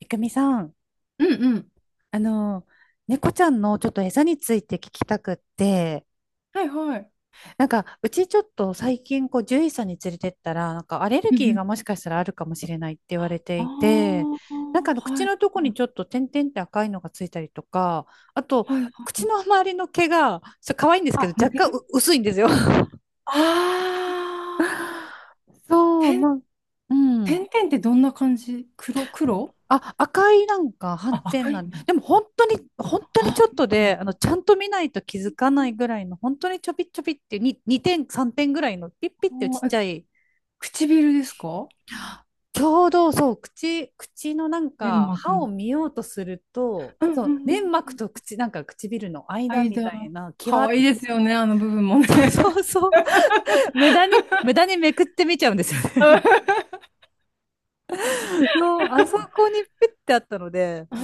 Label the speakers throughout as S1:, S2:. S1: いくみさん、
S2: うんうん。
S1: あの、猫ちゃんのちょっと餌について聞きたくって、
S2: はいはい。
S1: なんか、うちちょっと最近、こう、獣医さんに連れてったら、なんか、アレル
S2: う
S1: ギ
S2: ん
S1: ー
S2: うん。
S1: がもしかしたらあるかもしれないって言われて
S2: あ
S1: いて、
S2: あ、
S1: なんか、口
S2: はい、
S1: のとこにちょっと点々って赤いのがついたりとか、あと、
S2: はい、はい。
S1: 口の周りの毛が、そう、可愛いんですけ
S2: あ、
S1: ど、
S2: 似て
S1: 若干
S2: る。
S1: う薄いんですよ。
S2: ああー、
S1: そう、
S2: 点、
S1: う
S2: 点
S1: ん。
S2: 々ってどんな感じ？黒？
S1: あ、赤いなんか斑
S2: あ、
S1: 点
S2: 赤い
S1: なん
S2: ん
S1: で、
S2: だ。
S1: でも本当に、本当に
S2: あ、
S1: ちょっとで、ちゃんと見ないと気づかないぐらいの、本当にちょびちょびっていう、2、3点ぐらいの、ピッピッっていうちっ
S2: あー
S1: ち
S2: え
S1: ゃい、
S2: 唇ですか？
S1: ちょうどそう、口、口のなん
S2: 粘
S1: か、
S2: 膜
S1: 歯を
S2: の。
S1: 見ようとすると、
S2: うんうん
S1: そう、
S2: う
S1: 粘
S2: んう
S1: 膜と
S2: ん。
S1: 口、なんか唇の間みたい
S2: 間。
S1: な、
S2: かわ
S1: 際、
S2: いいですよね、あの部分も
S1: そ
S2: ね。
S1: うそうそう、無駄に、無駄にめくってみちゃうんですよ ね。
S2: あ
S1: の、あそこにピッてあったので、
S2: ー。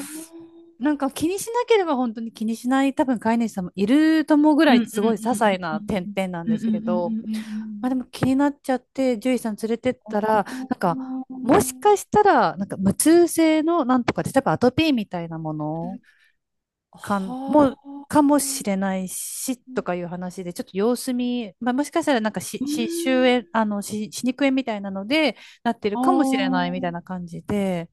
S1: なんか気にしなければ本当に気にしない多分飼い主さんもいると思うぐら
S2: うん
S1: い
S2: う
S1: すごい些
S2: ん
S1: 細な点々なん
S2: うん
S1: で
S2: うん
S1: す
S2: うんうんう
S1: け
S2: んう
S1: ど、
S2: んう
S1: まあ、で
S2: ん
S1: も気になっちゃって獣医さん連れてったらなんか
S2: う
S1: もしかし
S2: ん
S1: たらなんか無痛性のなんとかで例えばアトピーみたいなも
S2: う
S1: の
S2: ん。
S1: かん
S2: は
S1: もうかもしれ
S2: あ。
S1: ないし
S2: う
S1: と
S2: ん。
S1: かいう話でちょっと様子見、まあ、もしかしたらなんかしし歯周炎歯歯肉炎みたいなのでなってる
S2: あ
S1: かもしれないみたいな
S2: あ。
S1: 感じで。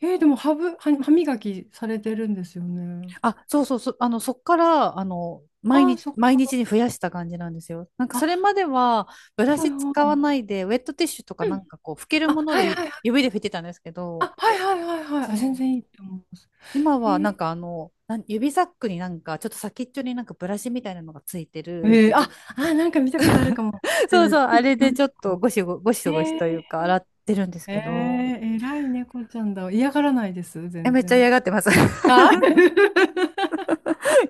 S2: でも歯ぶ、歯、歯磨きされてるんですよね？
S1: あ、そうそうそう、そっから、
S2: ああ、そっ
S1: 毎日
S2: か。
S1: に増やした感じなんですよ。なんか、それ
S2: あ、
S1: までは、ブラ
S2: はい
S1: シ使
S2: は
S1: わな
S2: い。
S1: いで、ウェットティッシュとか
S2: う
S1: な
S2: ん。
S1: んかこう、拭ける
S2: あ、
S1: もの
S2: は
S1: で
S2: いは
S1: ゆ
S2: いはい。
S1: 指で拭いてたんですけど、
S2: あ、はいはいはいはい。あ、全
S1: そう。
S2: 然いいと思います。
S1: 今は、
S2: へ
S1: なん
S2: え。
S1: かあの、なん指サックになんか、ちょっと先っちょになんかブラシみたいなのがついてる。
S2: あ、あ、なんか見たことあるかも。
S1: そう
S2: う
S1: そう、
S2: ん
S1: あれ
S2: う
S1: で
S2: ん。
S1: ちょっとゴシゴシという
S2: え
S1: か、洗ってるんです
S2: ー、
S1: けど、
S2: え偉い猫ちゃんだ。嫌がらないです、
S1: え、
S2: 全
S1: めっちゃ嫌
S2: 然。
S1: がってます。
S2: あ、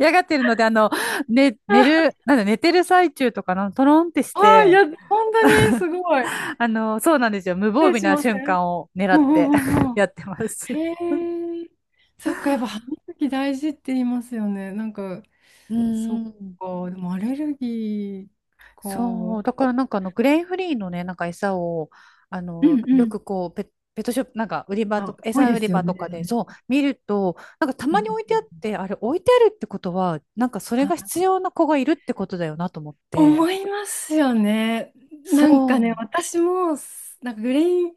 S1: 嫌がってるので、ね、寝る、なんだ、寝てる最中とかのトロンってし
S2: あ、い
S1: て、
S2: や、本当にすごい。
S1: そうなんですよ。無
S2: 失
S1: 防
S2: 礼
S1: 備
S2: し
S1: な
S2: ませ
S1: 瞬
S2: ん。
S1: 間を狙
S2: う
S1: っ
S2: んう
S1: て
S2: んうん う
S1: や
S2: ん。
S1: ってます。
S2: へえ。そっか、やっぱ歯磨き大事って言いますよね。なんか、
S1: う
S2: そっ
S1: ーん。
S2: か、でもアレルギーか。
S1: そう。だからなんかグレインフリーのね、なんか餌を、
S2: うんう
S1: よ
S2: ん。
S1: くこう、ペットショップ、なんか売り場と
S2: あ、
S1: か、
S2: 多い
S1: 餌
S2: で
S1: 売り
S2: すよ
S1: 場と
S2: ね。
S1: かで、そう、見ると、なんかた
S2: う
S1: まに置いてあ
S2: ん。
S1: って、あれ置いてあるってことは、なんかそれが
S2: あ、
S1: 必要な子がいるってことだよなと思って。
S2: 思いますよね。
S1: そ
S2: なんか
S1: う。う
S2: ね、
S1: ん
S2: 私も、なんかグレイう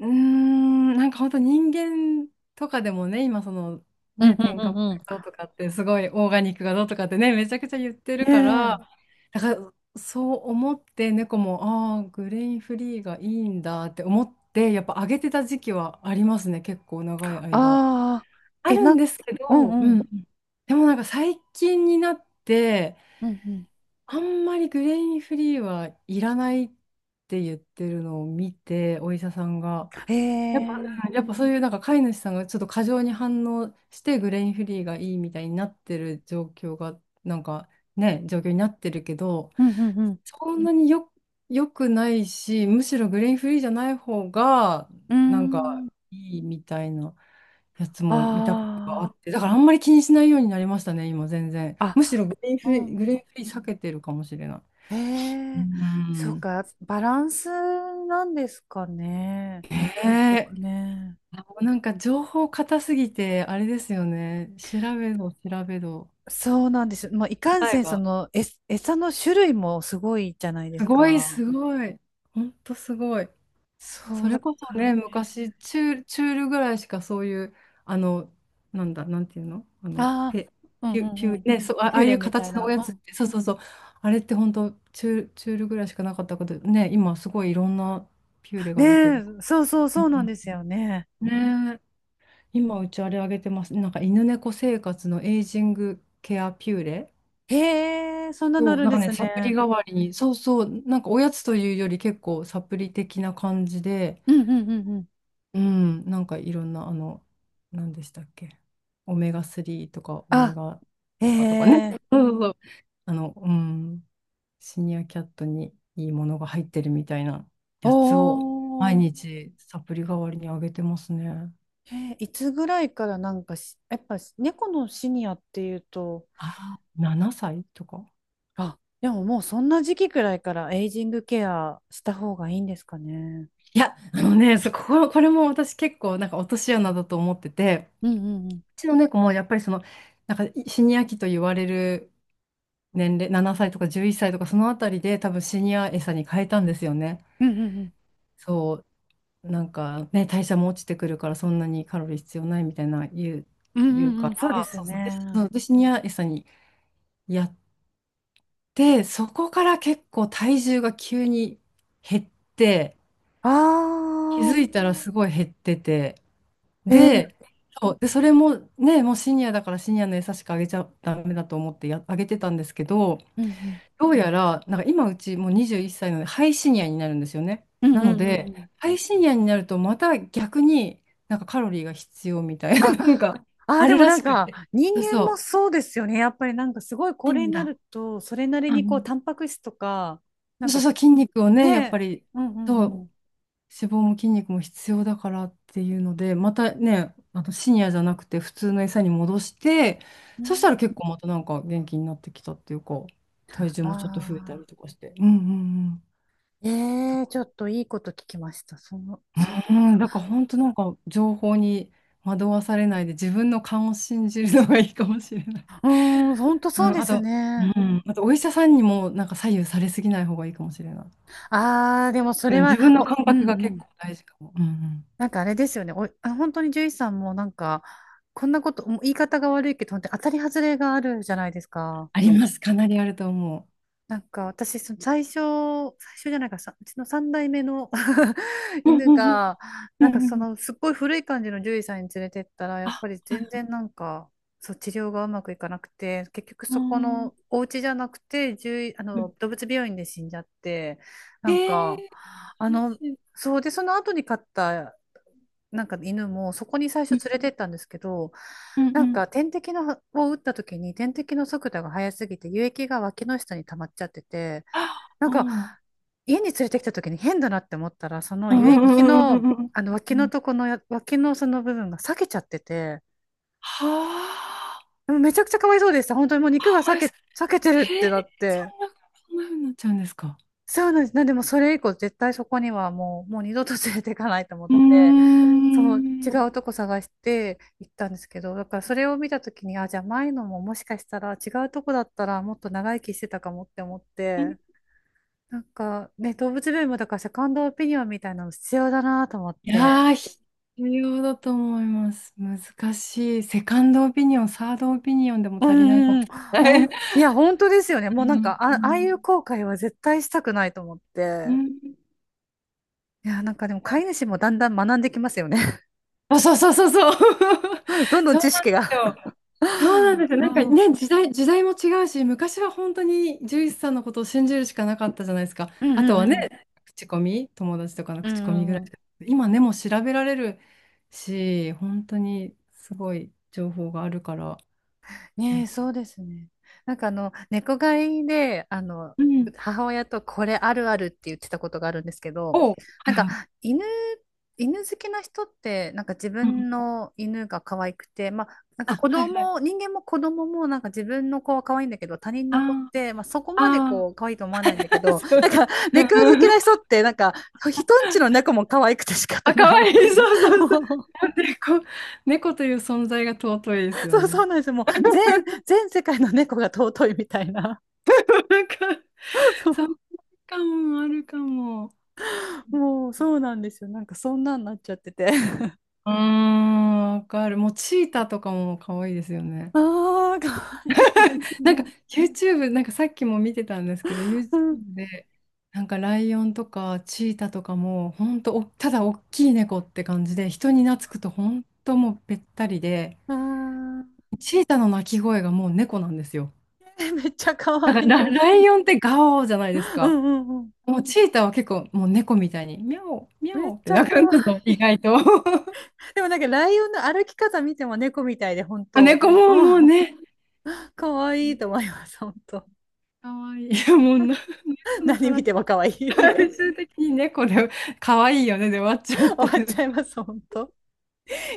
S2: ーん、なんか本当人間とかでもね、今その
S1: うん
S2: ね、添加物
S1: う
S2: が
S1: ん
S2: どうとかってすごいオーガニックがどうとかってね、めちゃくちゃ言ってる
S1: う
S2: か
S1: ん。
S2: ら、
S1: ねえ。
S2: だからそう思って猫も、ああ、グレインフリーがいいんだって思って、やっぱ上げてた時期はありますね、結構長い間。
S1: ああ、
S2: あ
S1: え、
S2: るんですけ
S1: う
S2: ど、
S1: んう
S2: うん。
S1: ん。
S2: でもなんか最近になって、
S1: うんうん。
S2: あんまりグレインフリーはいらないって言ってるのを見て、お医者さんが。
S1: え
S2: やっぱ、うん、
S1: え。
S2: やっぱそういうなんか飼い主さんがちょっと過剰に反応してグレインフリーがいいみたいになってる状況が、なんかね、状況になってるけど、
S1: うんうんうん。
S2: そんなに良くないし、むしろグレインフリーじゃない方が
S1: うー
S2: なんか
S1: ん。
S2: いいみたいなやつも見たことがあ
S1: あ
S2: って、だからあんまり気にしないようになりましたね、今全然。
S1: あ、
S2: むしろ
S1: あ、う
S2: グレイン
S1: ん。
S2: フリー避けてるかもしれない。
S1: え
S2: う
S1: え、そう
S2: ん、
S1: か、バランスなんですかね。結
S2: へ。
S1: 局ね。
S2: あ、なんか情報硬すぎて、あれですよね。調べど、調べど。
S1: そうなんです。まあ、いかん
S2: 答
S1: せ
S2: え
S1: ん、そ
S2: が。
S1: の、え、餌の種類もすごいじゃないで
S2: す
S1: す
S2: ごい、
S1: か。
S2: すごい。ほんとすごい。
S1: そ
S2: そ
S1: うだ
S2: れこそ
S1: から
S2: ね、
S1: ね。
S2: 昔、チュールぐらいしかそういう、あの、なんだ、なんていうの、あの、
S1: あ
S2: ペ、
S1: あ、うん
S2: ピ
S1: う
S2: ュ、ピ
S1: んう
S2: ュ、
S1: ん。
S2: ね、そう、あ、あ
S1: ピ
S2: あ
S1: ュ
S2: い
S1: レ
S2: う
S1: みたい
S2: 形のお
S1: な。
S2: や
S1: う
S2: つっ
S1: ん。
S2: て、そうそうそう。あれって本当チュールぐらいしかなかったこと、ね。今すごいいろんなピューレ
S1: ね
S2: が出てる。
S1: え、そうそう
S2: う
S1: そうなん
S2: ん、
S1: ですよね。
S2: ね。今うちあれあげてます。なんか犬猫生活のエイジングケアピューレ。
S1: へえ、そんなのあ
S2: そう、
S1: るん
S2: なん
S1: で
S2: かね、
S1: す
S2: サプリ
S1: ね。
S2: 代わりに、そうそう、なんかおやつというより結構サプリ的な感じで、
S1: うんうんうんうん。
S2: うん、なんかいろんな、あの、何でしたっけ、オメガ3とかオメ
S1: あ、
S2: ガ
S1: へ
S2: とかね、
S1: え、
S2: そうそうそう、あの、うん、シニアキャットにいいものが入ってるみたいな
S1: お
S2: やつを、毎
S1: お。
S2: 日サプリ代わりにあげてますね。
S1: えーいつぐらいからなんかやっぱ猫のシニアっていうと、
S2: あら、7歳とか。
S1: あ、でももうそんな時期くらいからエイジングケアした方がいいんですかね。
S2: いや、あのね、そこ、これも私結構なんか落とし穴だと思ってて、
S1: うんうんうん。
S2: うちの猫もやっぱりその、なんかシニア期と言われる年齢、7歳とか11歳とかそのあたりで、多分シニア餌に変えたんですよね。
S1: うんうんうん。
S2: そう、なんかね、代謝も落ちてくるからそんなにカロリー必要ないみたいな
S1: うん
S2: 言
S1: う
S2: う
S1: ん
S2: か
S1: うん。そうで
S2: ら、
S1: す
S2: そ
S1: よ
S2: うそう、で、
S1: ね。
S2: そうでシニア餌にやって、そこから結構体重が急に減って、
S1: あ
S2: 気
S1: あ、
S2: づいたらすごい減ってて、
S1: えー、
S2: で、そう、で、それもね、もうシニアだからシニアの餌しかあげちゃダメだと思ってあげてたんですけど、
S1: うん
S2: どうやら、なんか今うちもう21歳なので、ハイシニアになるんですよね。
S1: うん。う
S2: な
S1: ん
S2: の
S1: うんうんう
S2: で、
S1: ん。
S2: ハイシニアになるとまた逆になんかカロリーが必要みたいな、
S1: あ、
S2: なんか
S1: あー、
S2: あ
S1: で
S2: る
S1: も
S2: ら
S1: な
S2: し
S1: ん
S2: く
S1: か
S2: て。
S1: 人
S2: そう
S1: 間も
S2: そ
S1: そうですよね。やっぱりなんかすごい
S2: う。
S1: 高
S2: いい
S1: 齢
S2: ん
S1: にな
S2: だ。
S1: ると、それなり
S2: う
S1: にこう、
S2: ん。
S1: タンパク質とか、なん
S2: そう
S1: か
S2: そう、筋肉をね、やっぱ
S1: ね、
S2: り、
S1: うんう
S2: そ
S1: んう
S2: う、
S1: ん。
S2: 脂肪も筋肉も必要だからっていうので、またね、あの深夜じゃなくて普通の餌に戻して、
S1: う
S2: そしたら
S1: ん
S2: 結構またなんか元気になってきたっていうか、体重
S1: あ
S2: もちょっと増えたりと
S1: あ。
S2: かして。うんうんうん。
S1: え
S2: だ、
S1: えちょっといいこと聞きました。その、そっ
S2: う
S1: か。
S2: ん、だから本当なんか情報に惑わされないで、自分の勘を信じるのがいいかもしれない。
S1: うーん、ほんと
S2: う
S1: そう
S2: ん、
S1: で
S2: あ
S1: す
S2: と、う
S1: ね。
S2: ん、あと、お医者さんにもなんか左右されすぎない方がいいかもしれない。
S1: ああ、でもそ
S2: う
S1: れ
S2: ん、自
S1: は、
S2: 分の感
S1: う
S2: 覚
S1: ん
S2: が
S1: う
S2: 結
S1: ん。
S2: 構大事かも。うんうん、
S1: なんかあれですよね。本当に獣医さんもなんか、こんなこと、もう言い方が悪いけど、本当に当たり外れがあるじゃないですか。
S2: あります。かなりあると思
S1: なんか私、その最初じゃないか、さ、うちの三代目の
S2: う。うう
S1: 犬
S2: うんんん。
S1: が、
S2: う
S1: なん
S2: んう
S1: か
S2: んう
S1: そ
S2: ん。
S1: のすっごい古い感じの獣医さんに連れてったら、や
S2: あ、
S1: っぱり
S2: は
S1: 全
S2: い。
S1: 然なんか、そう、治療がうまくいかなくて、結局
S2: あ
S1: そこ
S2: ー、
S1: のお家じゃなくて、獣医、
S2: うん。
S1: 動物病院で死んじゃって、
S2: え
S1: なん
S2: ー、
S1: か、あ
S2: 美味
S1: の、
S2: しい。
S1: そうで、その後に飼ったなんか犬もそこに最
S2: う
S1: 初
S2: ん
S1: 連れてったんですけど、
S2: うん
S1: な
S2: う
S1: ん
S2: ん。
S1: か点滴のを打った時に点滴の速度が速すぎて輸液が脇の下に溜まっちゃってて、
S2: あ
S1: なんか
S2: あ
S1: 家に連れてきた時に変だなって思ったら、その
S2: ー、うん
S1: 輸
S2: う
S1: 液
S2: んうんうん
S1: の、
S2: うんうん。
S1: あの脇のとこのや脇のその部分が裂けちゃってて、
S2: はあ、
S1: でもめちゃくちゃかわいそうでした。本当にもう肉が
S2: 甘いです。
S1: 裂けてるっ
S2: へ
S1: て
S2: え、
S1: なって。
S2: そんな風になっちゃうんですか？
S1: そうなんです。なんでもそれ以降絶対そこにはもう、もう二度と連れていかないと思っ
S2: う
S1: て。そう、
S2: ー
S1: 違
S2: ん。
S1: うとこ探して行ったんですけど、だからそれを見たときに、あ、じゃあ前のももしかしたら違うとこだったらもっと長生きしてたかもって思って、なんかね、動物病院もだからセカンドオピニオンみたいなの必要だなと思っ
S2: いや
S1: て。
S2: ー、必要だと思います。難しい。セカンドオピニオン、サードオピニオンでも
S1: う
S2: 足りないかも
S1: んうんうん。
S2: しれ
S1: ほ
S2: な
S1: ん、
S2: い。
S1: いや、本当ですよね。
S2: う
S1: もうなん
S2: ん
S1: か、
S2: う
S1: あ、ああいう
S2: ん
S1: 後悔は絶対したくないと思っ
S2: う
S1: て。
S2: ん。
S1: いや、なんかでも飼い主もだんだん学んできますよね。
S2: あ、そうそうそうそう。
S1: どんどん
S2: そう
S1: 知
S2: なん
S1: 識
S2: です
S1: が。
S2: よ。そうなんですよ。
S1: う
S2: なんか
S1: ん、
S2: ね、時代も違うし、昔は本当に獣医師さんのことを信じるしかなかったじゃないですか。
S1: うん
S2: あ
S1: う
S2: と
S1: ん
S2: はね、
S1: うん。
S2: 口コミ、友達とかの
S1: うん
S2: 口コミぐ
S1: う
S2: ら
S1: んう
S2: いし
S1: ん。
S2: か。今ね、もう調べられるし、本当にすごい情報があるから。う
S1: ね
S2: ん。
S1: え、そうですね。なんか猫飼いで、
S2: うん。
S1: 母親とこれあるあるって言ってたことがあるんですけど、
S2: おう、
S1: な
S2: は
S1: ん
S2: い
S1: か
S2: はい。
S1: 犬、犬好きな人って、なんか自
S2: うん
S1: 分
S2: うん。
S1: の犬が可愛くて、まあ、なんか
S2: あ、
S1: 子
S2: はいはい。
S1: 供、人間も子供もなんか自分の子は可愛いんだけど、他人
S2: あ
S1: の子っ
S2: ー、
S1: て、まあ、そこまで
S2: あ
S1: こう可愛いと思わないんだけ
S2: ー、
S1: ど、
S2: そ
S1: なん
S2: う。
S1: か猫
S2: う
S1: 好
S2: んう
S1: き
S2: ん。
S1: な人って、なんか人んちの猫も可愛くて仕方
S2: あ、か
S1: ない
S2: わ
S1: み
S2: いい。
S1: たいな。
S2: そうそうそう。
S1: もう
S2: 猫、猫という存在が尊いですよ
S1: そうそ
S2: ね。
S1: うなんですよ。もう 全世界の猫が尊いみたいな。
S2: なんか、
S1: そ
S2: そう
S1: う
S2: かも、あるかも。
S1: もうそうなんですよ。なんかそんなんなっちゃってて。
S2: うーん、わかる。もうチーターとかも可愛いですよね。
S1: ああ、かわいいです
S2: なんか
S1: ね。
S2: YouTube、なんかさっきも見てたんですけど、
S1: う
S2: YouTube
S1: ん
S2: で、なんかライオンとかチーターとかも、ほんとお、ただ大きい猫って感じで、人に懐くとほんともうべったりで、
S1: ああ、
S2: チーターの鳴き声がもう猫なんですよ。
S1: えめっちゃかわ
S2: だか
S1: い
S2: ら
S1: い。
S2: ライオンってガオーじゃないです
S1: う
S2: か。
S1: んうんうん。
S2: もうチーターは結構もう猫みたいに、ミャオ、ミャ
S1: めっ
S2: オっ
S1: ち
S2: て
S1: ゃ
S2: 鳴
S1: か
S2: くん
S1: わ
S2: ですよ、
S1: い
S2: 意
S1: い。
S2: 外と。
S1: でもなんかライオンの歩き方見ても猫みたいで、本
S2: あ、
S1: 当。
S2: 猫もも
S1: あ
S2: う
S1: ん
S2: ね。
S1: かわいいと思います、本当。
S2: かわいい。もう、この
S1: 何見
S2: 話、
S1: てもかわいい。
S2: 最 終的に猫で、かわいいよね、で終わっちゃうっ
S1: 終
S2: て
S1: わ
S2: い
S1: っ
S2: う
S1: ちゃ
S2: ね。
S1: います、本当。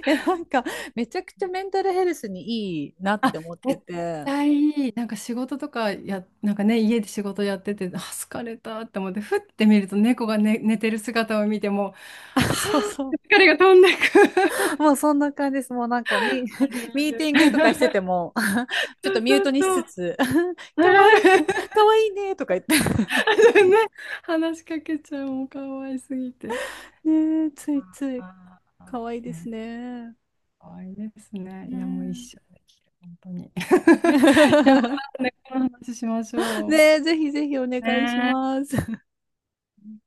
S1: いや、なんか、めちゃくちゃメンタルヘルスにいいな っ
S2: あ、
S1: て思って
S2: 絶
S1: て。
S2: 対いい。なんか仕事とかや、なんかね、家で仕事やってて、あ、疲れたって思って、ふって見ると猫が、ね、寝てる姿を見ても、
S1: あ、そうそう。
S2: 疲れが飛んでく。
S1: もうそんな感じです。もうなんか
S2: ある あ
S1: ミー
S2: る。
S1: ティングとかしてて も、ちょっ
S2: そ
S1: と
S2: う
S1: ミュー
S2: そう
S1: トにし
S2: そ
S1: つ
S2: う。
S1: つ、
S2: あ
S1: か
S2: るあ
S1: わいい、
S2: る。
S1: かわいいねとか言って。
S2: ね、話しかけちゃう、もうかわいすぎて。
S1: ねえ、ついつい、
S2: あ
S1: かわいい
S2: ー、
S1: です
S2: ね。
S1: ね。
S2: 可愛いですね。いや、もう一
S1: ね
S2: 生できる、本当に。いや、ま
S1: え
S2: たね、この話しましょ
S1: ね
S2: う。
S1: え、ぜひぜひお願いし
S2: ね
S1: ます。
S2: え。